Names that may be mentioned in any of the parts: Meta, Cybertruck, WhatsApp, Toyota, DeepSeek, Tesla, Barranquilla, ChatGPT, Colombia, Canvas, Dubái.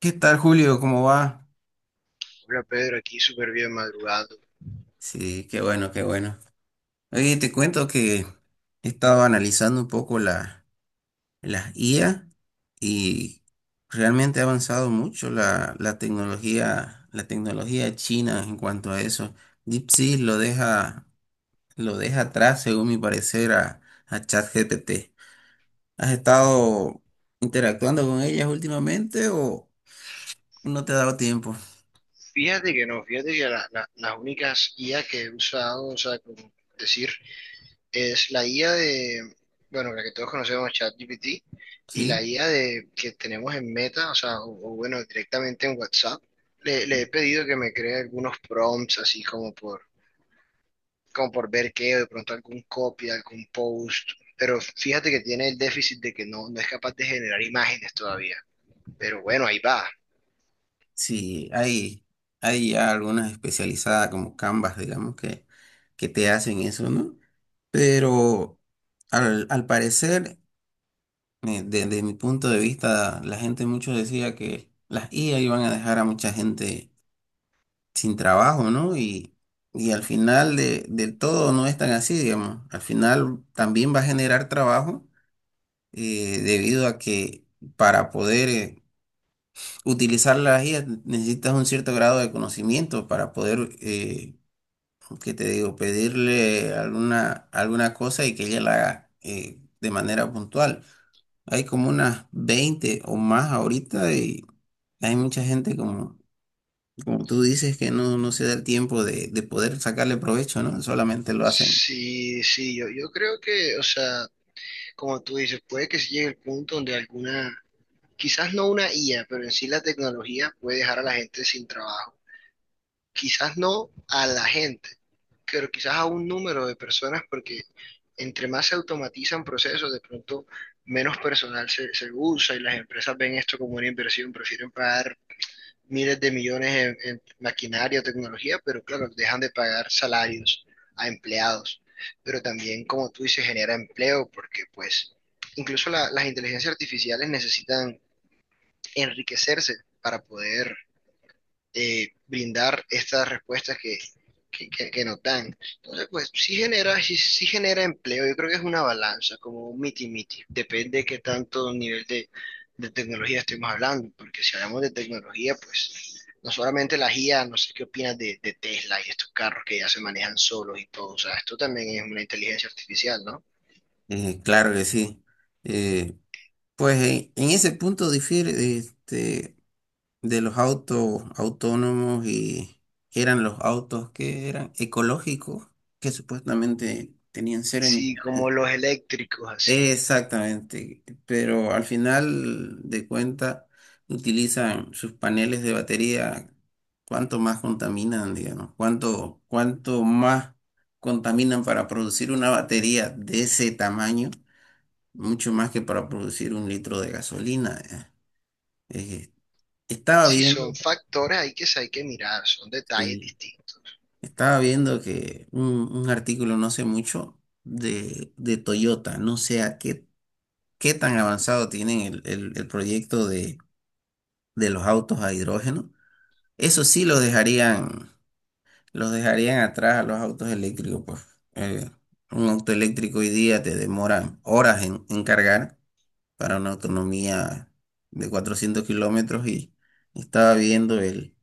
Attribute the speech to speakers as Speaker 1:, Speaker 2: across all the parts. Speaker 1: ¿Qué tal, Julio? ¿Cómo va?
Speaker 2: Hola Pedro, aquí súper bien madrugando.
Speaker 1: Sí, qué bueno, qué bueno. Oye, te cuento que he estado analizando un poco las IA y realmente ha avanzado mucho la tecnología china en cuanto a eso. DeepSeek lo deja atrás, según mi parecer, a ChatGPT. ¿Has estado interactuando con ellas últimamente o no te ha dado tiempo?
Speaker 2: Fíjate que no, fíjate que las únicas IA que he usado, o sea, como decir, es la IA de, bueno, la que todos conocemos, ChatGPT, y la
Speaker 1: ¿Sí?
Speaker 2: IA de, que tenemos en Meta, o sea, o bueno, directamente en WhatsApp. Le he pedido que me cree algunos prompts, así como por, como por ver qué, o de pronto algún copy, algún post. Pero fíjate que tiene el déficit de que no, no es capaz de generar imágenes todavía. Pero bueno, ahí va.
Speaker 1: Sí, hay ya algunas especializadas como Canvas, digamos, que te hacen eso, ¿no? Pero al parecer, desde mi punto de vista, la gente mucho decía que las IA iban a dejar a mucha gente sin trabajo, ¿no? Y al final del todo no es tan así, digamos. Al final también va a generar trabajo debido a que para poder... utilizar las IA necesitas un cierto grado de conocimiento para poder, ¿qué te digo?, pedirle alguna cosa y que ella la haga de manera puntual. Hay como unas 20 o más ahorita y hay mucha gente como, como tú dices que no, no se da el tiempo de poder sacarle provecho, ¿no? Solamente lo hacen.
Speaker 2: Sí, sí, yo creo que, o sea, como tú dices, puede que se llegue el punto donde alguna, quizás no una IA, pero en sí la tecnología puede dejar a la gente sin trabajo. Quizás no a la gente, pero quizás a un número de personas, porque entre más se automatizan procesos, de pronto menos personal se usa y las empresas ven esto como una inversión, prefieren pagar miles de millones en maquinaria o tecnología, pero claro, dejan de pagar salarios a empleados. Pero también, como tú dices, genera empleo porque pues incluso las inteligencias artificiales necesitan enriquecerse para poder brindar estas respuestas que, que nos dan. Entonces, pues sí genera, sí, sí genera empleo, yo creo que es una balanza, como un miti-miti, depende de qué tanto nivel de tecnología estemos hablando, porque si hablamos de tecnología, pues no solamente la IA, no sé qué opinas de Tesla y estos carros que ya se manejan solos y todo, o sea, esto también es una inteligencia artificial, ¿no?
Speaker 1: Claro que sí. Eh, pues en ese punto difiere, este, de los autos autónomos y que eran los autos que eran ecológicos, que supuestamente tenían cero
Speaker 2: Sí,
Speaker 1: emisiones.
Speaker 2: como los eléctricos, así.
Speaker 1: Exactamente, pero al final de cuenta utilizan sus paneles de batería, cuánto más contaminan, digamos, cuánto más contaminan para producir una batería de ese tamaño, mucho más que para producir un litro de gasolina. Eh, estaba
Speaker 2: Sí,
Speaker 1: viendo,
Speaker 2: son factores, hay que mirar, son detalles
Speaker 1: sí,
Speaker 2: distintos.
Speaker 1: estaba viendo que un artículo no sé mucho de Toyota, no sé a qué, qué tan avanzado tienen el proyecto de los autos a hidrógeno. Eso sí los dejarían atrás a los autos eléctricos, pues. Eh, un auto eléctrico hoy día te demora horas en cargar para una autonomía de 400 km y estaba viendo el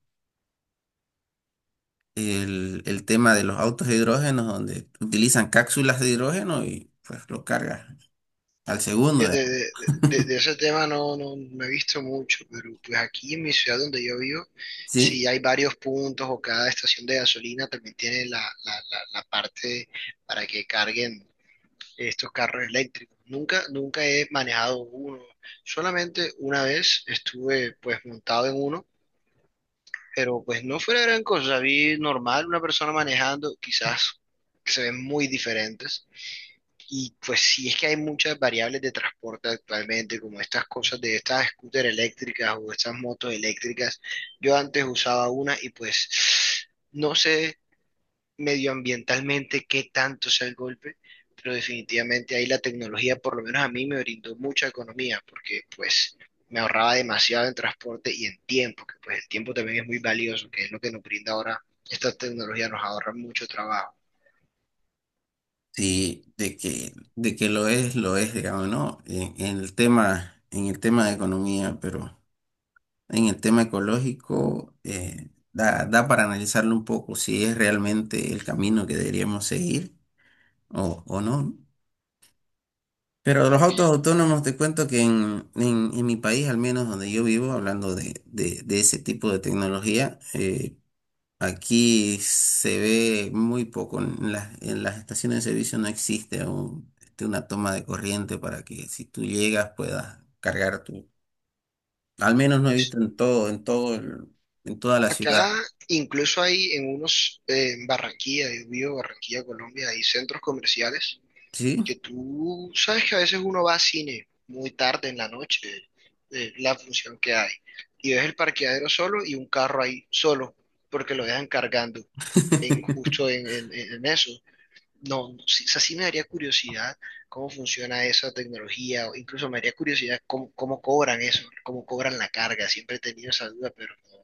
Speaker 1: el, el tema de los autos de hidrógeno, donde utilizan cápsulas de hidrógeno y pues lo cargas al segundo,
Speaker 2: Fíjate,
Speaker 1: digamos.
Speaker 2: de, de ese tema no, no, no he visto mucho, pero pues aquí en mi ciudad donde yo vivo, sí
Speaker 1: Sí,
Speaker 2: hay varios puntos o cada estación de gasolina también tiene la parte para que carguen estos carros eléctricos. Nunca, nunca he manejado uno, solamente una vez estuve pues montado en uno, pero pues no fue la gran cosa, vi normal una persona manejando, quizás que se ven muy diferentes y pues sí es que hay muchas variables de transporte actualmente, como estas cosas de estas scooters eléctricas o estas motos eléctricas. Yo antes usaba una y pues no sé medioambientalmente qué tanto sea el golpe, pero definitivamente ahí la tecnología, por lo menos a mí, me brindó mucha economía porque pues me ahorraba demasiado en transporte y en tiempo, que pues el tiempo también es muy valioso, que es lo que nos brinda ahora esta tecnología, nos ahorra mucho trabajo.
Speaker 1: sí, de que lo es, digamos, ¿no? En el tema de economía, pero en el tema ecológico, da, da para analizarlo un poco si es realmente el camino que deberíamos seguir o no. Pero los autos autónomos, te cuento que en mi país, al menos donde yo vivo, hablando de, de ese tipo de tecnología, aquí se ve muy poco. En en las estaciones de servicio no existe este, una toma de corriente para que si tú llegas puedas cargar tu... Al menos no he visto en todo, en todo, en toda la ciudad,
Speaker 2: Acá incluso hay en unos, en Barranquilla, yo vivo Barranquilla, Colombia, hay centros comerciales
Speaker 1: ¿sí?
Speaker 2: que tú sabes que a veces uno va a cine muy tarde en la noche, la función que hay, y ves el parqueadero solo y un carro ahí solo, porque lo dejan cargando en, justo en, en eso. No, no, sí, o sea, sí me daría curiosidad cómo funciona esa tecnología, o incluso me daría curiosidad cómo, cómo cobran eso, cómo cobran la carga, siempre he tenido esa duda, pero no.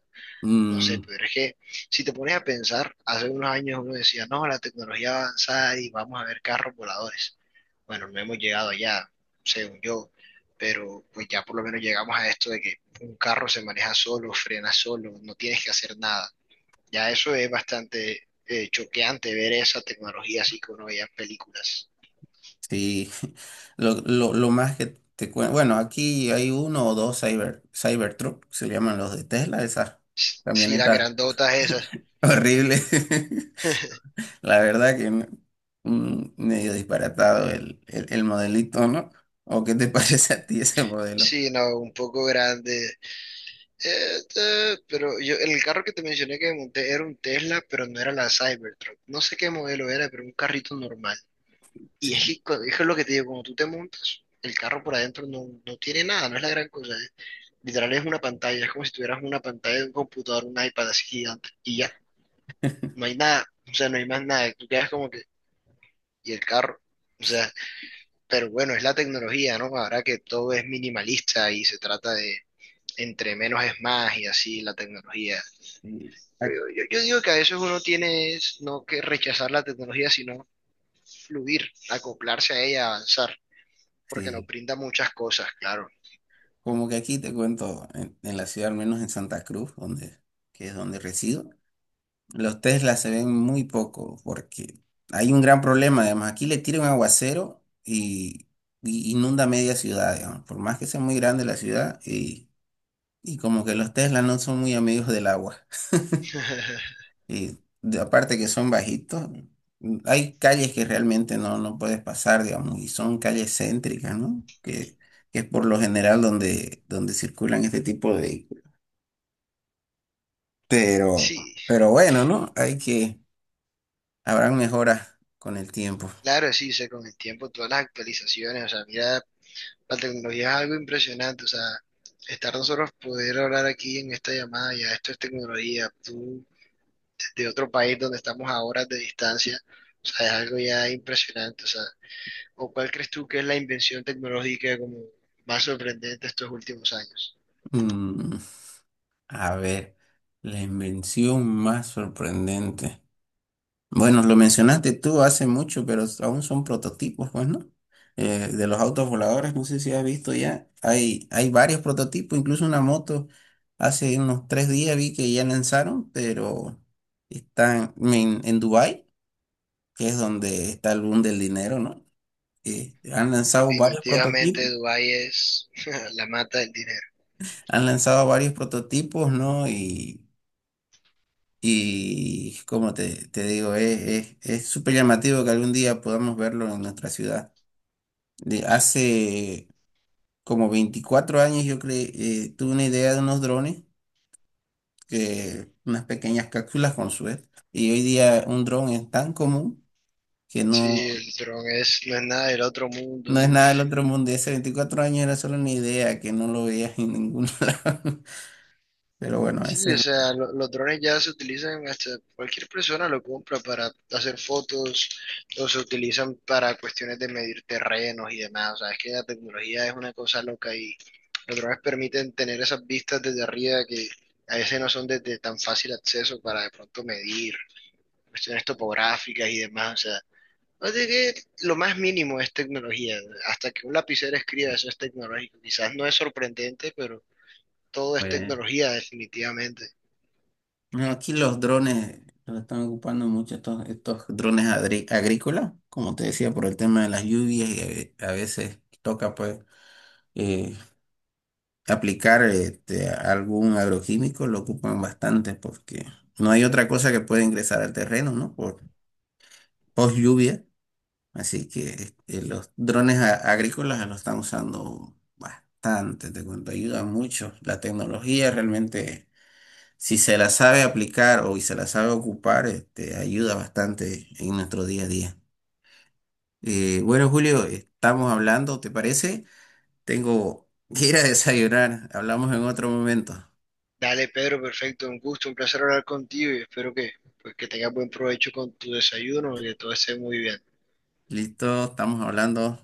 Speaker 2: No sé,
Speaker 1: Mm,
Speaker 2: pero es que si te pones a pensar, hace unos años uno decía, no, la tecnología avanzada y vamos a ver carros voladores. Bueno, no hemos llegado allá, según yo, pero pues ya por lo menos llegamos a esto de que un carro se maneja solo, frena solo, no tienes que hacer nada. Ya eso es bastante choqueante ver esa tecnología así que uno veía en películas.
Speaker 1: sí, lo más que te cuento, bueno, aquí hay uno o dos Cybertruck, se llaman los de Tesla, esas
Speaker 2: Sí, las
Speaker 1: camionetas
Speaker 2: grandotas esas.
Speaker 1: horribles. La verdad que mm, medio disparatado el modelito, ¿no? ¿O qué te parece a ti ese modelo?
Speaker 2: Sí, no, un poco grande. Pero yo, el carro que te mencioné que monté era un Tesla, pero no era la Cybertruck. No sé qué modelo era, pero un carrito normal. Y es
Speaker 1: Sí,
Speaker 2: que, es que es lo que te digo, cuando tú te montas, el carro por adentro no, no tiene nada, no es la gran cosa. Literal es una pantalla, es como si tuvieras una pantalla de un computador, un iPad así gigante. Y ya, no hay nada, o sea, no hay más nada. Tú quedas como que, y el carro, o sea, pero bueno, es la tecnología, ¿no? Ahora que todo es minimalista y se trata de entre menos es más y así la tecnología.
Speaker 1: sí,
Speaker 2: Pero yo digo que a veces uno tiene es no que rechazar la tecnología, sino fluir, acoplarse a ella, avanzar, porque nos
Speaker 1: sí.
Speaker 2: brinda muchas cosas, claro.
Speaker 1: Como que aquí te cuento, en la ciudad, al menos en Santa Cruz, donde, que es donde resido. Los Tesla se ven muy poco porque hay un gran problema. Además, aquí le tira un aguacero y inunda media ciudad, digamos. Por más que sea muy grande la ciudad, y como que los Tesla no son muy amigos del agua. Y aparte que son bajitos, mm, hay calles que realmente no, no puedes pasar, digamos, y son calles céntricas, ¿no? Que es por lo general donde, donde circulan este tipo de vehículos. Pero,
Speaker 2: Sí,
Speaker 1: pero bueno, ¿no? Hay que, habrán mejoras con el tiempo.
Speaker 2: claro, sí, sé, con el tiempo todas las actualizaciones, o sea, mira, la tecnología es algo impresionante, o sea, estar nosotros poder hablar aquí en esta llamada, ya esto es tecnología, tú de otro país donde estamos a horas de distancia, o sea, es algo ya impresionante, o sea, ¿o cuál crees tú que es la invención tecnológica como más sorprendente estos últimos años?
Speaker 1: Mm, a ver, la invención más sorprendente. Bueno, lo mencionaste tú hace mucho, pero aún son prototipos, pues, ¿no? De los autos voladores, no sé si has visto ya, hay varios prototipos, incluso una moto. Hace unos tres días vi que ya lanzaron, pero están en Dubái, que es donde está el boom del dinero, ¿no? Han lanzado varios
Speaker 2: Definitivamente
Speaker 1: prototipos,
Speaker 2: Dubái es la mata del dinero.
Speaker 1: han lanzado varios prototipos, ¿no? Y como te digo, es súper llamativo que algún día podamos verlo en nuestra ciudad. De hace como 24 años yo creé, tuve una idea de unos drones, que, unas pequeñas cápsulas con suerte. Y hoy día un dron es tan común que no,
Speaker 2: Sí, el dron es, no es nada del otro
Speaker 1: no
Speaker 2: mundo.
Speaker 1: es nada del otro mundo. Y hace 24 años era solo una idea que no lo veías en ningún lado. Pero bueno, ese
Speaker 2: Sí,
Speaker 1: es...
Speaker 2: o sea, los drones ya se utilizan hasta cualquier persona lo compra para hacer fotos o se utilizan para cuestiones de medir terrenos y demás. O sea, es que la tecnología es una cosa loca y los drones permiten tener esas vistas desde arriba que a veces no son de tan fácil acceso para de pronto medir cuestiones topográficas y demás. O sea que lo más mínimo es tecnología. Hasta que un lapicero escriba, eso es tecnológico. Quizás no es sorprendente, pero todo es
Speaker 1: lo-
Speaker 2: tecnología, definitivamente.
Speaker 1: bueno, aquí los drones los están ocupando mucho estos, estos drones agrícolas, como te decía, por el tema de las lluvias y a veces toca pues eh, aplicar este, algún agroquímico, lo ocupan bastante porque no hay otra cosa que pueda ingresar al terreno, ¿no? Por post lluvia, así que este, los drones agrícolas los están usando bastante, te cuento, ayudan mucho. La tecnología realmente si se la sabe aplicar o y se la sabe ocupar, este, ayuda bastante en nuestro día a día. Bueno, Julio, estamos hablando, ¿te parece? Tengo que ir a desayunar. Hablamos en otro momento.
Speaker 2: Dale, Pedro, perfecto. Un gusto, un placer hablar contigo y espero que, pues, que tengas buen provecho con tu desayuno y que todo esté muy bien.
Speaker 1: Listo, estamos hablando.